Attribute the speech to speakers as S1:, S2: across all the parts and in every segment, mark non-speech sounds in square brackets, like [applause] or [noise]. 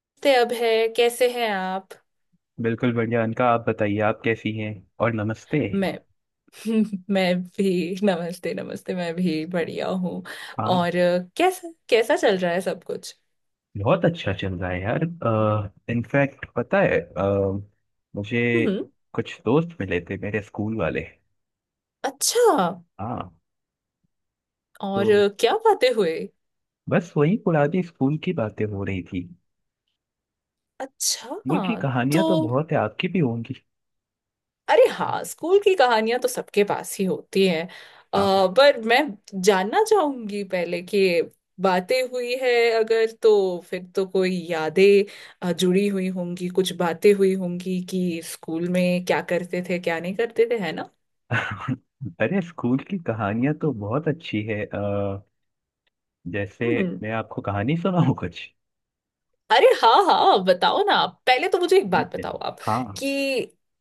S1: नमस्ते अभय, कैसे हैं आप?
S2: बिल्कुल बढ़िया अनका। आप बताइए, आप कैसी हैं? और नमस्ते।
S1: मैं [laughs] मैं भी नमस्ते नमस्ते। मैं भी बढ़िया हूँ।
S2: हाँ,
S1: और कैसा कैसा चल रहा है सब कुछ?
S2: बहुत अच्छा चल रहा है यार। इनफैक्ट पता है मुझे
S1: हम्म।
S2: कुछ दोस्त मिले थे, मेरे स्कूल वाले।
S1: अच्छा।
S2: हाँ,
S1: और
S2: तो
S1: क्या बातें हुई?
S2: बस वही पुरानी स्कूल की बातें हो रही थी।
S1: अच्छा।
S2: स्कूल की
S1: तो
S2: कहानियां तो बहुत है, आपकी भी होंगी।
S1: अरे हाँ, स्कूल की कहानियां तो सबके पास ही होती हैं
S2: हाँ।
S1: पर मैं जानना चाहूंगी पहले कि बातें हुई है, अगर तो फिर तो कोई यादें जुड़ी हुई होंगी। कुछ बातें हुई होंगी कि स्कूल में क्या करते थे, क्या नहीं करते थे, है ना?
S2: [laughs] अरे स्कूल की कहानियां तो बहुत अच्छी है। जैसे
S1: हम्म।
S2: मैं आपको कहानी सुनाऊं कुछ?
S1: अरे हाँ हाँ हाँ, बताओ ना। आप पहले तो मुझे एक
S2: ठीक
S1: बात
S2: है।
S1: बताओ आप
S2: हाँ
S1: कि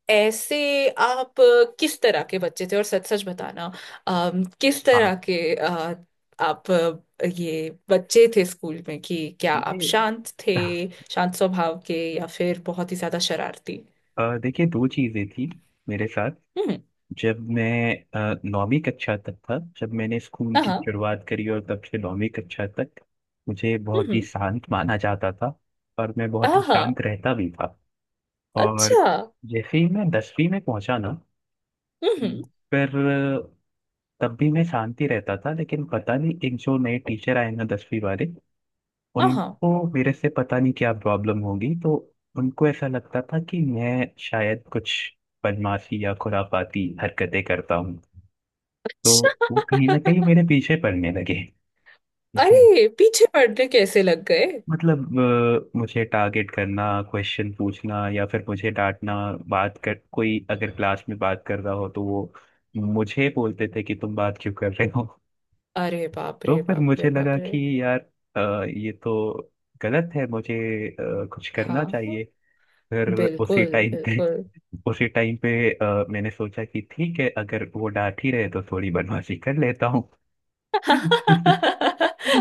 S1: ऐसे आप किस तरह के बच्चे थे, और सच सच बताना। किस
S2: हाँ,
S1: तरह के आप ये बच्चे थे स्कूल में, कि क्या आप
S2: देखिए।
S1: शांत
S2: [laughs]
S1: थे? शांत स्वभाव के या फिर बहुत ही ज्यादा शरारती?
S2: देखिए, दो चीज़ें थी मेरे साथ।
S1: हम्म।
S2: जब मैं 9वीं कक्षा तक था, जब मैंने स्कूल
S1: हाँ
S2: की
S1: हाँ।
S2: शुरुआत करी और तब से 9वीं कक्षा तक मुझे बहुत ही
S1: हम्म।
S2: शांत माना जाता था। और मैं बहुत
S1: हाँ
S2: ही शांत
S1: हाँ,
S2: रहता भी था। और
S1: अच्छा।
S2: जैसे ही मैं 10वीं में पहुंचा ना,
S1: हम्म।
S2: पर तब भी मैं शांति रहता था, लेकिन पता नहीं एक जो नए टीचर आए ना 10वीं वाले,
S1: हाँ हाँ।
S2: उनको मेरे से पता नहीं क्या प्रॉब्लम होगी। तो उनको ऐसा लगता था कि मैं शायद कुछ बदमाशी या खुराफाती हरकतें करता हूँ। तो
S1: अच्छा।
S2: वो कहीं ना कहीं मेरे पीछे पड़ने लगे। ठीक है,
S1: अरे पीछे पड़ने कैसे लग गए?
S2: मतलब मुझे टारगेट करना, क्वेश्चन पूछना, या फिर मुझे डांटना। बात कर, कोई अगर क्लास में बात कर रहा हो तो वो मुझे बोलते थे कि तुम बात क्यों कर रहे हो।
S1: अरे
S2: [laughs]
S1: बाप
S2: तो
S1: रे
S2: फिर
S1: बाप रे
S2: मुझे लगा
S1: बाप रे।
S2: कि यार ये तो गलत है, मुझे कुछ करना
S1: हाँ।
S2: चाहिए। फिर उसी
S1: बिल्कुल।
S2: टाइम पे
S1: बिल्कुल।
S2: उसी टाइम पे मैंने सोचा कि ठीक है, अगर वो डांट ही रहे तो थोड़ी बदमाशी कर लेता हूँ।
S1: [laughs]
S2: [laughs]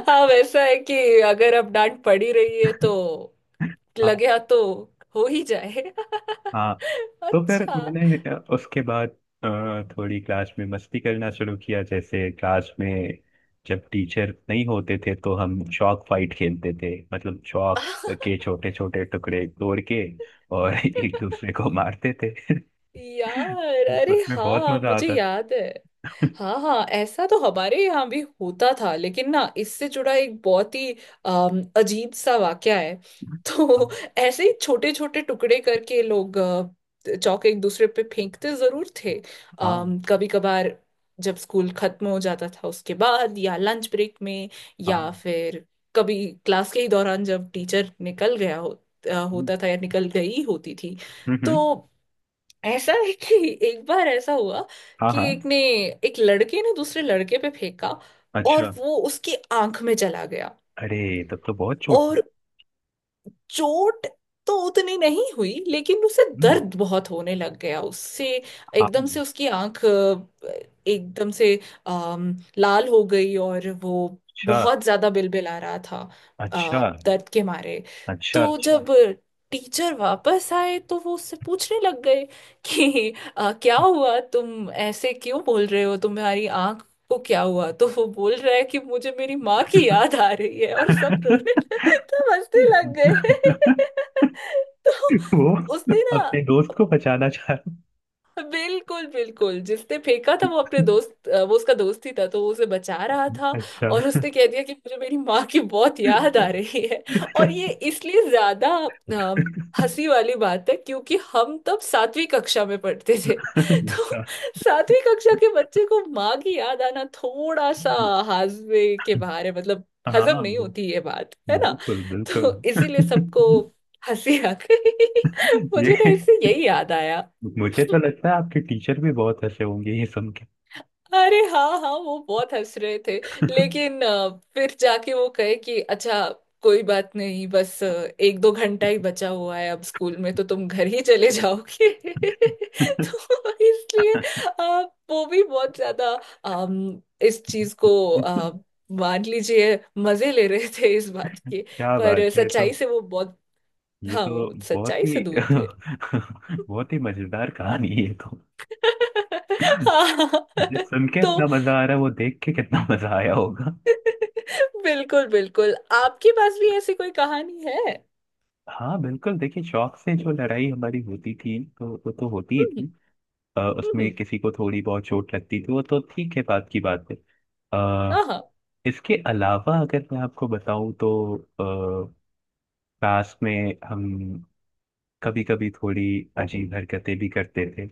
S1: हाँ वैसा है कि अगर अब डांट पड़ी रही है तो
S2: हाँ
S1: लगे हाथ तो हो ही जाए। [laughs]
S2: हाँ। तो फिर
S1: अच्छा।
S2: मैंने उसके बाद थोड़ी क्लास में मस्ती करना शुरू किया। जैसे क्लास में जब टीचर नहीं होते थे तो हम चॉक फाइट खेलते थे। मतलब चॉक
S1: [laughs]
S2: के छोटे छोटे टुकड़े तोड़ के और [laughs] एक दूसरे को मारते थे। [laughs]
S1: यार अरे
S2: उसमें बहुत
S1: हाँ,
S2: मजा
S1: मुझे
S2: आता
S1: याद है।
S2: था।
S1: हाँ हाँ, ऐसा तो हमारे यहाँ भी होता था, लेकिन ना इससे जुड़ा एक बहुत ही अजीब सा वाक्या है। [laughs] तो
S2: [laughs]
S1: ऐसे ही छोटे छोटे टुकड़े करके लोग चौके एक दूसरे पे फेंकते जरूर थे।
S2: हाँ
S1: कभी कभार जब स्कूल खत्म हो जाता था उसके बाद, या लंच ब्रेक में, या
S2: हाँ।
S1: फिर कभी क्लास के ही दौरान जब टीचर निकल गया हो,
S2: हम्म
S1: होता था या निकल गई होती थी।
S2: हम्म
S1: तो
S2: हम्म,
S1: ऐसा है कि एक बार ऐसा हुआ
S2: हाँ
S1: कि एक
S2: हाँ,
S1: ने, एक लड़के ने दूसरे लड़के पे फेंका और
S2: अच्छा।
S1: वो उसकी आंख में चला गया।
S2: अरे तब तो बहुत चोट।
S1: और चोट तो उतनी नहीं हुई, लेकिन उसे
S2: हम्म,
S1: दर्द बहुत होने लग गया उससे।
S2: हाँ।
S1: एकदम से उसकी आंख एकदम से लाल हो गई, और वो
S2: अच्छा
S1: बहुत ज्यादा बिलबिला रहा था
S2: अच्छा।
S1: दर्द के मारे।
S2: अच्छा
S1: तो
S2: अच्छा।
S1: जब टीचर वापस आए तो वो उससे पूछने लग गए कि क्या हुआ, तुम ऐसे क्यों बोल रहे हो, तुम्हारी आंख वो क्या हुआ? तो वो बोल रहा है कि मुझे मेरी माँ की याद
S2: [laughs]
S1: आ रही है, और सब रोने [laughs] लगे, सब हंसने लग गए। [laughs] तो
S2: वो
S1: उसने ना,
S2: अपने दोस्त को बचाना चाह रहा।
S1: बिल्कुल बिल्कुल, जिसने फेंका था वो अपने दोस्त वो उसका दोस्त ही था तो वो उसे बचा रहा था।
S2: अच्छा।
S1: और उसने कह दिया कि मुझे मेरी माँ की बहुत याद आ रही है। और ये इसलिए ज्यादा अ, हंसी वाली बात है क्योंकि हम तब सातवीं कक्षा में पढ़ते थे। [laughs] तो सातवीं कक्षा के बच्चे को माँ की याद आना थोड़ा सा हाजमे के बाहर है, मतलब हजम
S2: हाँ,
S1: नहीं होती ये बात, है ना?
S2: बिल्कुल बिल्कुल।
S1: तो इसीलिए सबको हंसी आ गई। [laughs] मुझे ना
S2: ये,
S1: इससे यही याद।
S2: मुझे तो लगता है आपके टीचर भी बहुत हंसे होंगे ये सुन
S1: अरे हाँ हाँ, वो बहुत हंस रहे थे। लेकिन फिर जाके वो कहे कि अच्छा कोई बात नहीं, बस एक दो घंटा ही बचा हुआ है अब स्कूल में तो तुम घर ही चले जाओगे। [laughs]
S2: के।
S1: तो इसलिए अ, वो भी बहुत ज्यादा अम, इस चीज को अ, मान लीजिए मजे ले रहे थे इस बात के।
S2: क्या
S1: पर
S2: बात है, ये तो,
S1: सच्चाई से वो बहुत,
S2: ये
S1: हाँ
S2: तो
S1: वो
S2: बहुत
S1: सच्चाई से
S2: ही
S1: दूर थे।
S2: [laughs] बहुत ही मजेदार कहानी है ये तो।
S1: [laughs] हाँ।
S2: ये सुन के इतना
S1: तो
S2: मजा आ रहा है, वो देख के कितना [laughs] मजा आया होगा।
S1: [laughs] बिल्कुल बिल्कुल, आपके पास भी ऐसी कोई कहानी है?
S2: हाँ बिल्कुल, देखिए, शौक से जो लड़ाई हमारी होती थी तो वो तो होती ही
S1: हम्म।
S2: थी। उसमें
S1: हम्म।
S2: किसी को थोड़ी बहुत चोट लगती थी, वो तो ठीक है, बात की बात है। अ,
S1: हाँ हाँ,
S2: इसके अलावा अगर मैं आपको बताऊं तो अ, क्लास में हम कभी कभी थोड़ी अजीब हरकतें भी करते थे।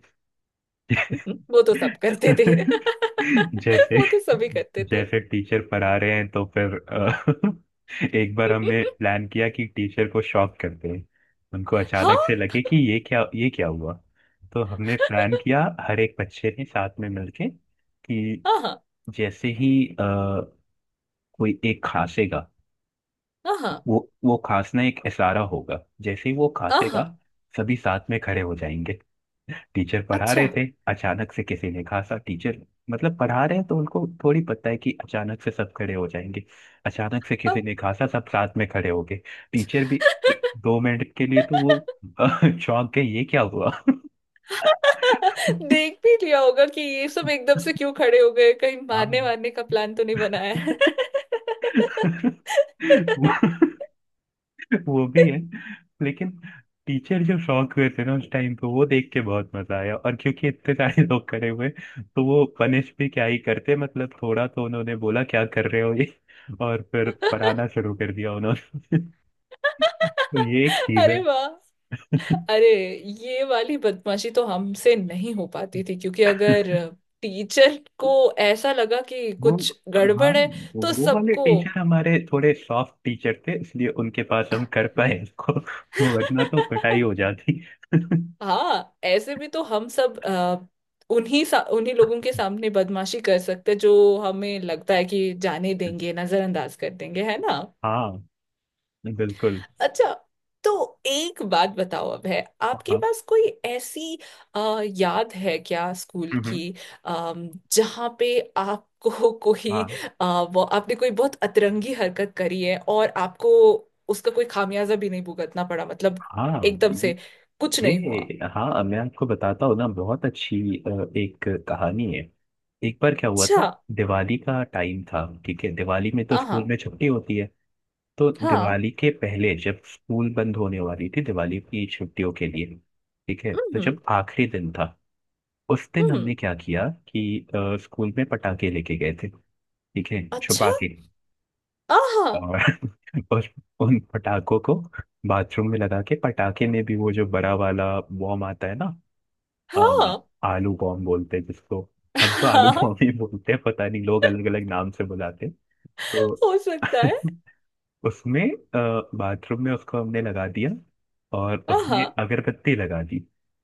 S1: वो तो सब करते थे।
S2: [laughs]
S1: [laughs]
S2: जैसे,
S1: वो तो सभी करते थे।
S2: जैसे टीचर पढ़ा रहे हैं तो फिर [laughs] एक बार हमने
S1: [laughs]
S2: प्लान किया कि टीचर को शॉक करते हैं। उनको अचानक से
S1: हाँ।
S2: लगे कि ये क्या, ये क्या हुआ? तो हमने प्लान किया, हर एक बच्चे ने साथ में मिलके कि
S1: हाँ हाँ।
S2: जैसे ही अ, कोई एक खांसेगा,
S1: हाँ
S2: वो वो खांसना एक इशारा होगा। जैसे ही वो
S1: हाँ
S2: खांसेगा
S1: हाँ,
S2: सभी साथ में खड़े हो जाएंगे। टीचर पढ़ा
S1: अच्छा।
S2: रहे थे, अचानक से किसी ने खांसा। टीचर मतलब पढ़ा रहे हैं तो उनको थोड़ी पता है कि अचानक से सब खड़े हो जाएंगे। अचानक से
S1: हाँ।
S2: किसी ने खांसा, सब साथ में खड़े हो गए। टीचर भी 1-2 मिनट के लिए तो वो [laughs] अ, चौंक गए, ये क्या हुआ।
S1: [laughs]
S2: [laughs]
S1: देख भी लिया होगा कि ये सब एकदम से क्यों खड़े हो गए, कहीं
S2: हाँ।
S1: मारने वारने का प्लान तो नहीं बनाया है।
S2: [laughs] वो- [laughs] वो भी है, लेकिन टीचर जो शौक हुए थे ना उस टाइम पे, वो देख के बहुत मजा आया। और क्योंकि इतने सारे [laughs] लोग खड़े हुए तो वो पनिश भी क्या ही करते, मतलब थोड़ा तो उन्होंने बोला क्या कर रहे हो ये। [laughs] और फिर पढ़ाना शुरू कर दिया उन्होंने। [laughs] तो ये एक
S1: [laughs]
S2: चीज है।
S1: अरे वाह।
S2: [laughs]
S1: अरे ये वाली बदमाशी तो हमसे नहीं हो पाती थी क्योंकि अगर टीचर को ऐसा लगा कि
S2: वो,
S1: कुछ
S2: हाँ,
S1: गड़बड़ है तो
S2: वो वाले
S1: सबको।
S2: टीचर हमारे थोड़े सॉफ्ट टीचर थे, इसलिए उनके पास हम कर पाए इसको। [laughs] वरना तो पिटाई
S1: [laughs]
S2: हो जाती। [laughs]
S1: हाँ ऐसे भी तो हम सब उन्हीं लोगों के सामने बदमाशी कर सकते हैं जो हमें लगता है कि जाने देंगे, नजरअंदाज कर देंगे, है ना?
S2: हाँ बिल्कुल।
S1: अच्छा। तो एक बात बताओ, अब है आपके
S2: हाँ,
S1: पास कोई ऐसी अ, याद है क्या स्कूल
S2: हम्म,
S1: की, जहाँ पे आपको [laughs] कोई
S2: हाँ
S1: अ, वो आपने कोई बहुत अतरंगी हरकत करी है और आपको उसका कोई खामियाजा भी नहीं भुगतना पड़ा, मतलब
S2: हाँ।
S1: एकदम से कुछ नहीं हुआ।
S2: ये, हाँ मैं आपको बताता हूँ ना, बहुत अच्छी अ, एक कहानी है। एक बार क्या हुआ
S1: अच्छा।
S2: था, दिवाली का टाइम था। ठीक है, दिवाली में तो
S1: आहा।
S2: स्कूल में छुट्टी होती है। तो
S1: हाँ।
S2: दिवाली के पहले जब स्कूल बंद होने वाली थी दिवाली की छुट्टियों के लिए, ठीक है, तो
S1: हम्म।
S2: जब आखिरी दिन था उस दिन हमने
S1: हम्म।
S2: क्या किया कि स्कूल में पटाखे लेके गए थे। ठीक है,
S1: अच्छा।
S2: छुपा के।
S1: आहा।
S2: और [laughs] उस- उन पटाखों को बाथरूम में लगा के। पटाखे में भी वो जो बड़ा वाला बॉम आता है ना अ,
S1: हाँ
S2: आलू बॉम बोलते हैं जिसको। हम तो आलू
S1: हाँ।
S2: बॉम
S1: [laughs]
S2: ही बोलते हैं, पता नहीं लोग अलग अलग नाम से बुलाते हैं। तो
S1: हो सकता है।
S2: [laughs] उसमें, बाथरूम में उसको हमने लगा दिया और
S1: आहा।
S2: उसमें अगरबत्ती लगा दी।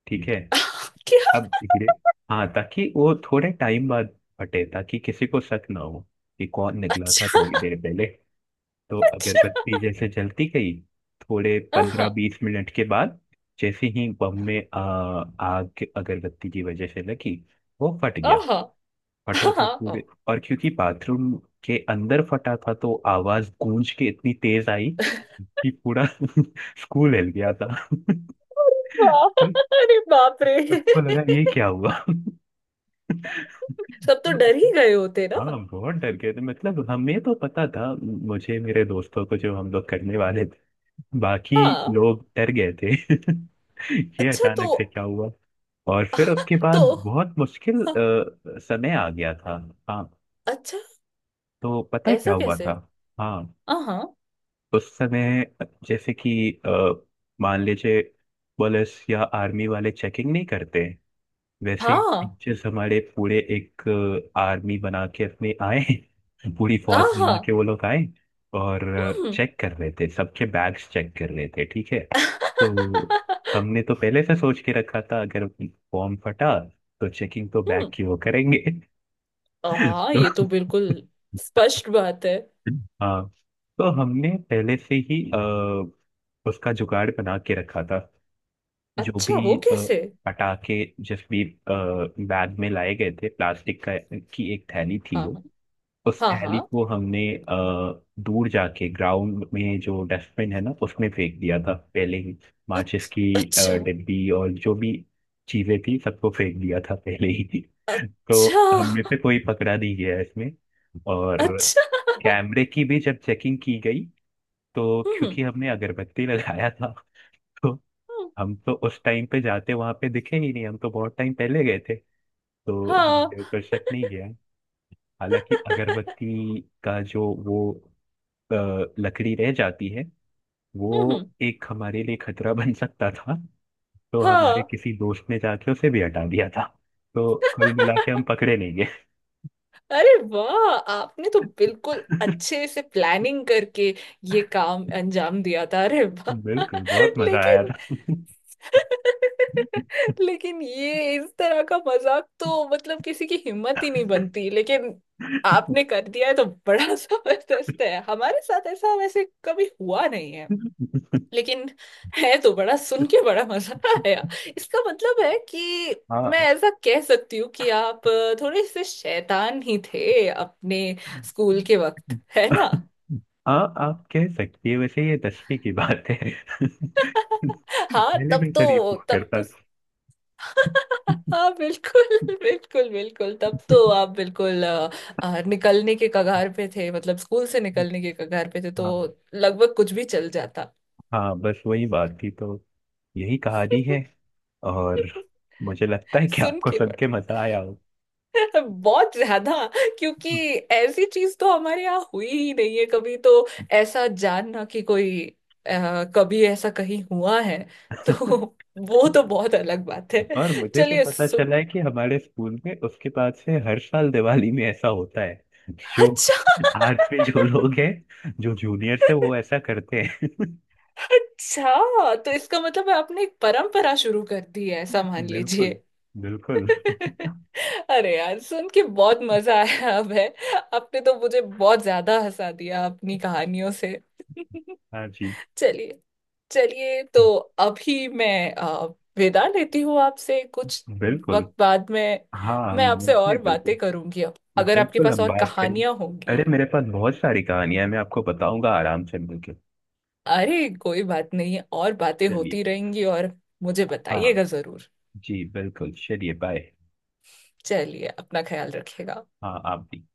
S2: ठीक है,
S1: [laughs] क्या।
S2: अब धीरे। हाँ, ताकि वो थोड़े टाइम बाद फटे, ताकि किसी को शक ना हो कि कौन निकला था
S1: अच्छा।
S2: थोड़ी देर पहले। तो
S1: अच्छा।
S2: अगरबत्ती जैसे जलती गई, थोड़े
S1: हाँ।
S2: 15-20 मिनट के बाद जैसे ही बम में आग अगरबत्ती की वजह से लगी, वो फट गया।
S1: आहा।
S2: फटा
S1: हाँ
S2: तो पूरे,
S1: हाँ।
S2: और क्योंकि बाथरूम के अंदर फटा था तो आवाज गूंज के इतनी तेज आई कि पूरा [laughs] स्कूल हिल गया था। [laughs]
S1: हाँ अरे बाप रे।
S2: सबको लगा ये क्या हुआ।
S1: सब तो डर ही
S2: [laughs]
S1: गए होते ना?
S2: हाँ, बहुत डर गए थे। मतलब हमें तो पता था, मुझे, मेरे दोस्तों को, जो हम लोग करने वाले थे, बाकी
S1: हाँ।
S2: लोग डर गए थे। [laughs] ये
S1: अच्छा। तो
S2: अचानक से क्या हुआ? और फिर उसके बाद
S1: तो
S2: बहुत मुश्किल समय आ गया था। हाँ,
S1: अच्छा,
S2: तो पता है क्या
S1: ऐसा
S2: हुआ
S1: कैसे?
S2: था। हाँ,
S1: आहा।
S2: उस समय जैसे कि मान लीजिए पुलिस या आर्मी वाले चेकिंग नहीं करते, वैसे
S1: हाँ।
S2: टीचर्स हमारे पूरे एक आर्मी बना के अपने आए, पूरी फौज
S1: आहा।
S2: बना के वो लोग आए। और
S1: हम्म।
S2: चेक कर रहे थे, सबके बैग्स चेक कर रहे थे, ठीक है। तो हमने तो पहले से सोच के रखा था, अगर फॉर्म फटा तो चेकिंग तो बैग
S1: हम्म।
S2: की वो करेंगे। [laughs]
S1: हाँ ये तो
S2: तो
S1: बिल्कुल स्पष्ट बात है।
S2: हाँ, तो हमने पहले से ही उसका जुगाड़ बना के रखा था। जो
S1: अच्छा वो
S2: भी
S1: कैसे?
S2: पटाखे जिस भी बैग में लाए गए थे, प्लास्टिक का की एक थैली थी
S1: हाँ
S2: वो,
S1: हाँ।
S2: उस
S1: हाँ
S2: थैली
S1: हाँ।
S2: को हमने दूर जाके ग्राउंड में जो डस्टबिन है ना उसमें फेंक दिया था पहले ही। माचिस की
S1: अच्छा।
S2: डिब्बी और जो भी चीजें थी सबको फेंक दिया था पहले ही। [laughs]
S1: अच्छा।
S2: तो हमने पे कोई पकड़ा नहीं गया इसमें। और
S1: अच्छा।
S2: कैमरे की भी जब चेकिंग की गई तो
S1: हम्म।
S2: क्योंकि हमने अगरबत्ती लगाया था। [laughs]
S1: हम्म,
S2: हम तो उस टाइम पे जाते वहां पे दिखे ही नहीं, हम तो बहुत टाइम पहले गए थे। तो
S1: हाँ।
S2: हमने दर्शक नहीं गया। हालांकि अगरबत्ती का जो वो अ, लकड़ी रह जाती है, वो
S1: हम्म।
S2: एक हमारे लिए खतरा बन सकता था। तो हमारे
S1: हाँ।
S2: किसी दोस्त ने जाके उसे भी हटा दिया था। तो कुल मिला के हम पकड़े नहीं गए।
S1: अरे वाह, आपने तो बिल्कुल
S2: [laughs]
S1: अच्छे से प्लानिंग करके ये काम अंजाम दिया था। अरे वाह।
S2: बिल्कुल, बहुत
S1: [laughs]
S2: मजा आया
S1: लेकिन,
S2: था। [laughs]
S1: लेकिन ये इस तरह का मजाक तो मतलब किसी की हिम्मत ही नहीं बनती। लेकिन आपने कर दिया है तो बड़ा [laughs] जबरदस्त है। हमारे साथ ऐसा वैसे कभी हुआ नहीं है, लेकिन है तो बड़ा, सुन के बड़ा मजा आया। इसका मतलब है कि मैं
S2: हाँ
S1: ऐसा कह सकती हूँ कि आप थोड़े से शैतान ही थे अपने स्कूल के वक्त, है ना?
S2: हाँ, आप कह सकती है। वैसे ये 10वीं की बात है। [laughs]
S1: हाँ
S2: पहले
S1: तब
S2: मैं शरीफ
S1: तो,
S2: हुआ
S1: तब तो।
S2: करता था।
S1: [laughs] हाँ बिल्कुल बिल्कुल बिल्कुल, तब तो आप बिल्कुल निकलने के कगार पे थे, मतलब स्कूल से निकलने के कगार पे थे तो
S2: हाँ
S1: लगभग कुछ भी चल जाता।
S2: हाँ, बस वही बात थी। तो यही कहानी है,
S1: [laughs]
S2: और मुझे लगता है कि
S1: सुन
S2: आपको
S1: के
S2: सुन के
S1: बड़ा।
S2: मजा आया हो।
S1: [laughs] बहुत ज्यादा, क्योंकि ऐसी चीज तो हमारे यहाँ हुई ही नहीं है कभी। तो ऐसा जानना कि कोई कभी ऐसा कहीं हुआ है तो [laughs] वो तो बहुत अलग बात है।
S2: और मुझे तो
S1: चलिए
S2: पता चला है
S1: सुन,
S2: कि हमारे स्कूल में उसके बाद से हर साल दिवाली में ऐसा होता है। जो
S1: अच्छा।
S2: आज भी जो लोग हैं, जो जूनियर्स है, वो ऐसा करते हैं।
S1: अच्छा तो इसका मतलब है आपने एक परंपरा शुरू कर दी है, ऐसा मान लीजिए।
S2: बिल्कुल बिल्कुल।
S1: [laughs] अरे यार, सुन के बहुत मजा आया अब है। आपने तो मुझे बहुत ज्यादा हंसा दिया अपनी कहानियों से।
S2: हाँ जी
S1: [laughs] चलिए, चलिए तो अभी मैं विदा लेती हूँ आपसे। कुछ
S2: बिल्कुल।
S1: वक्त बाद में
S2: हाँ, हम
S1: मैं आपसे
S2: मिलते
S1: और
S2: हैं बिल्कुल।
S1: बातें करूंगी। अब अगर आपके
S2: बिल्कुल,
S1: पास
S2: हम
S1: और
S2: बात करें।
S1: कहानियां होंगी।
S2: अरे, मेरे पास बहुत सारी कहानियां हैं, मैं आपको बताऊंगा आराम से मिलकर।
S1: अरे कोई बात नहीं, और बातें
S2: चलिए।
S1: होती रहेंगी। और मुझे
S2: हाँ
S1: बताइएगा जरूर।
S2: जी बिल्कुल, चलिए, बाय।
S1: चलिए, अपना ख्याल रखिएगा।
S2: हाँ, आप भी।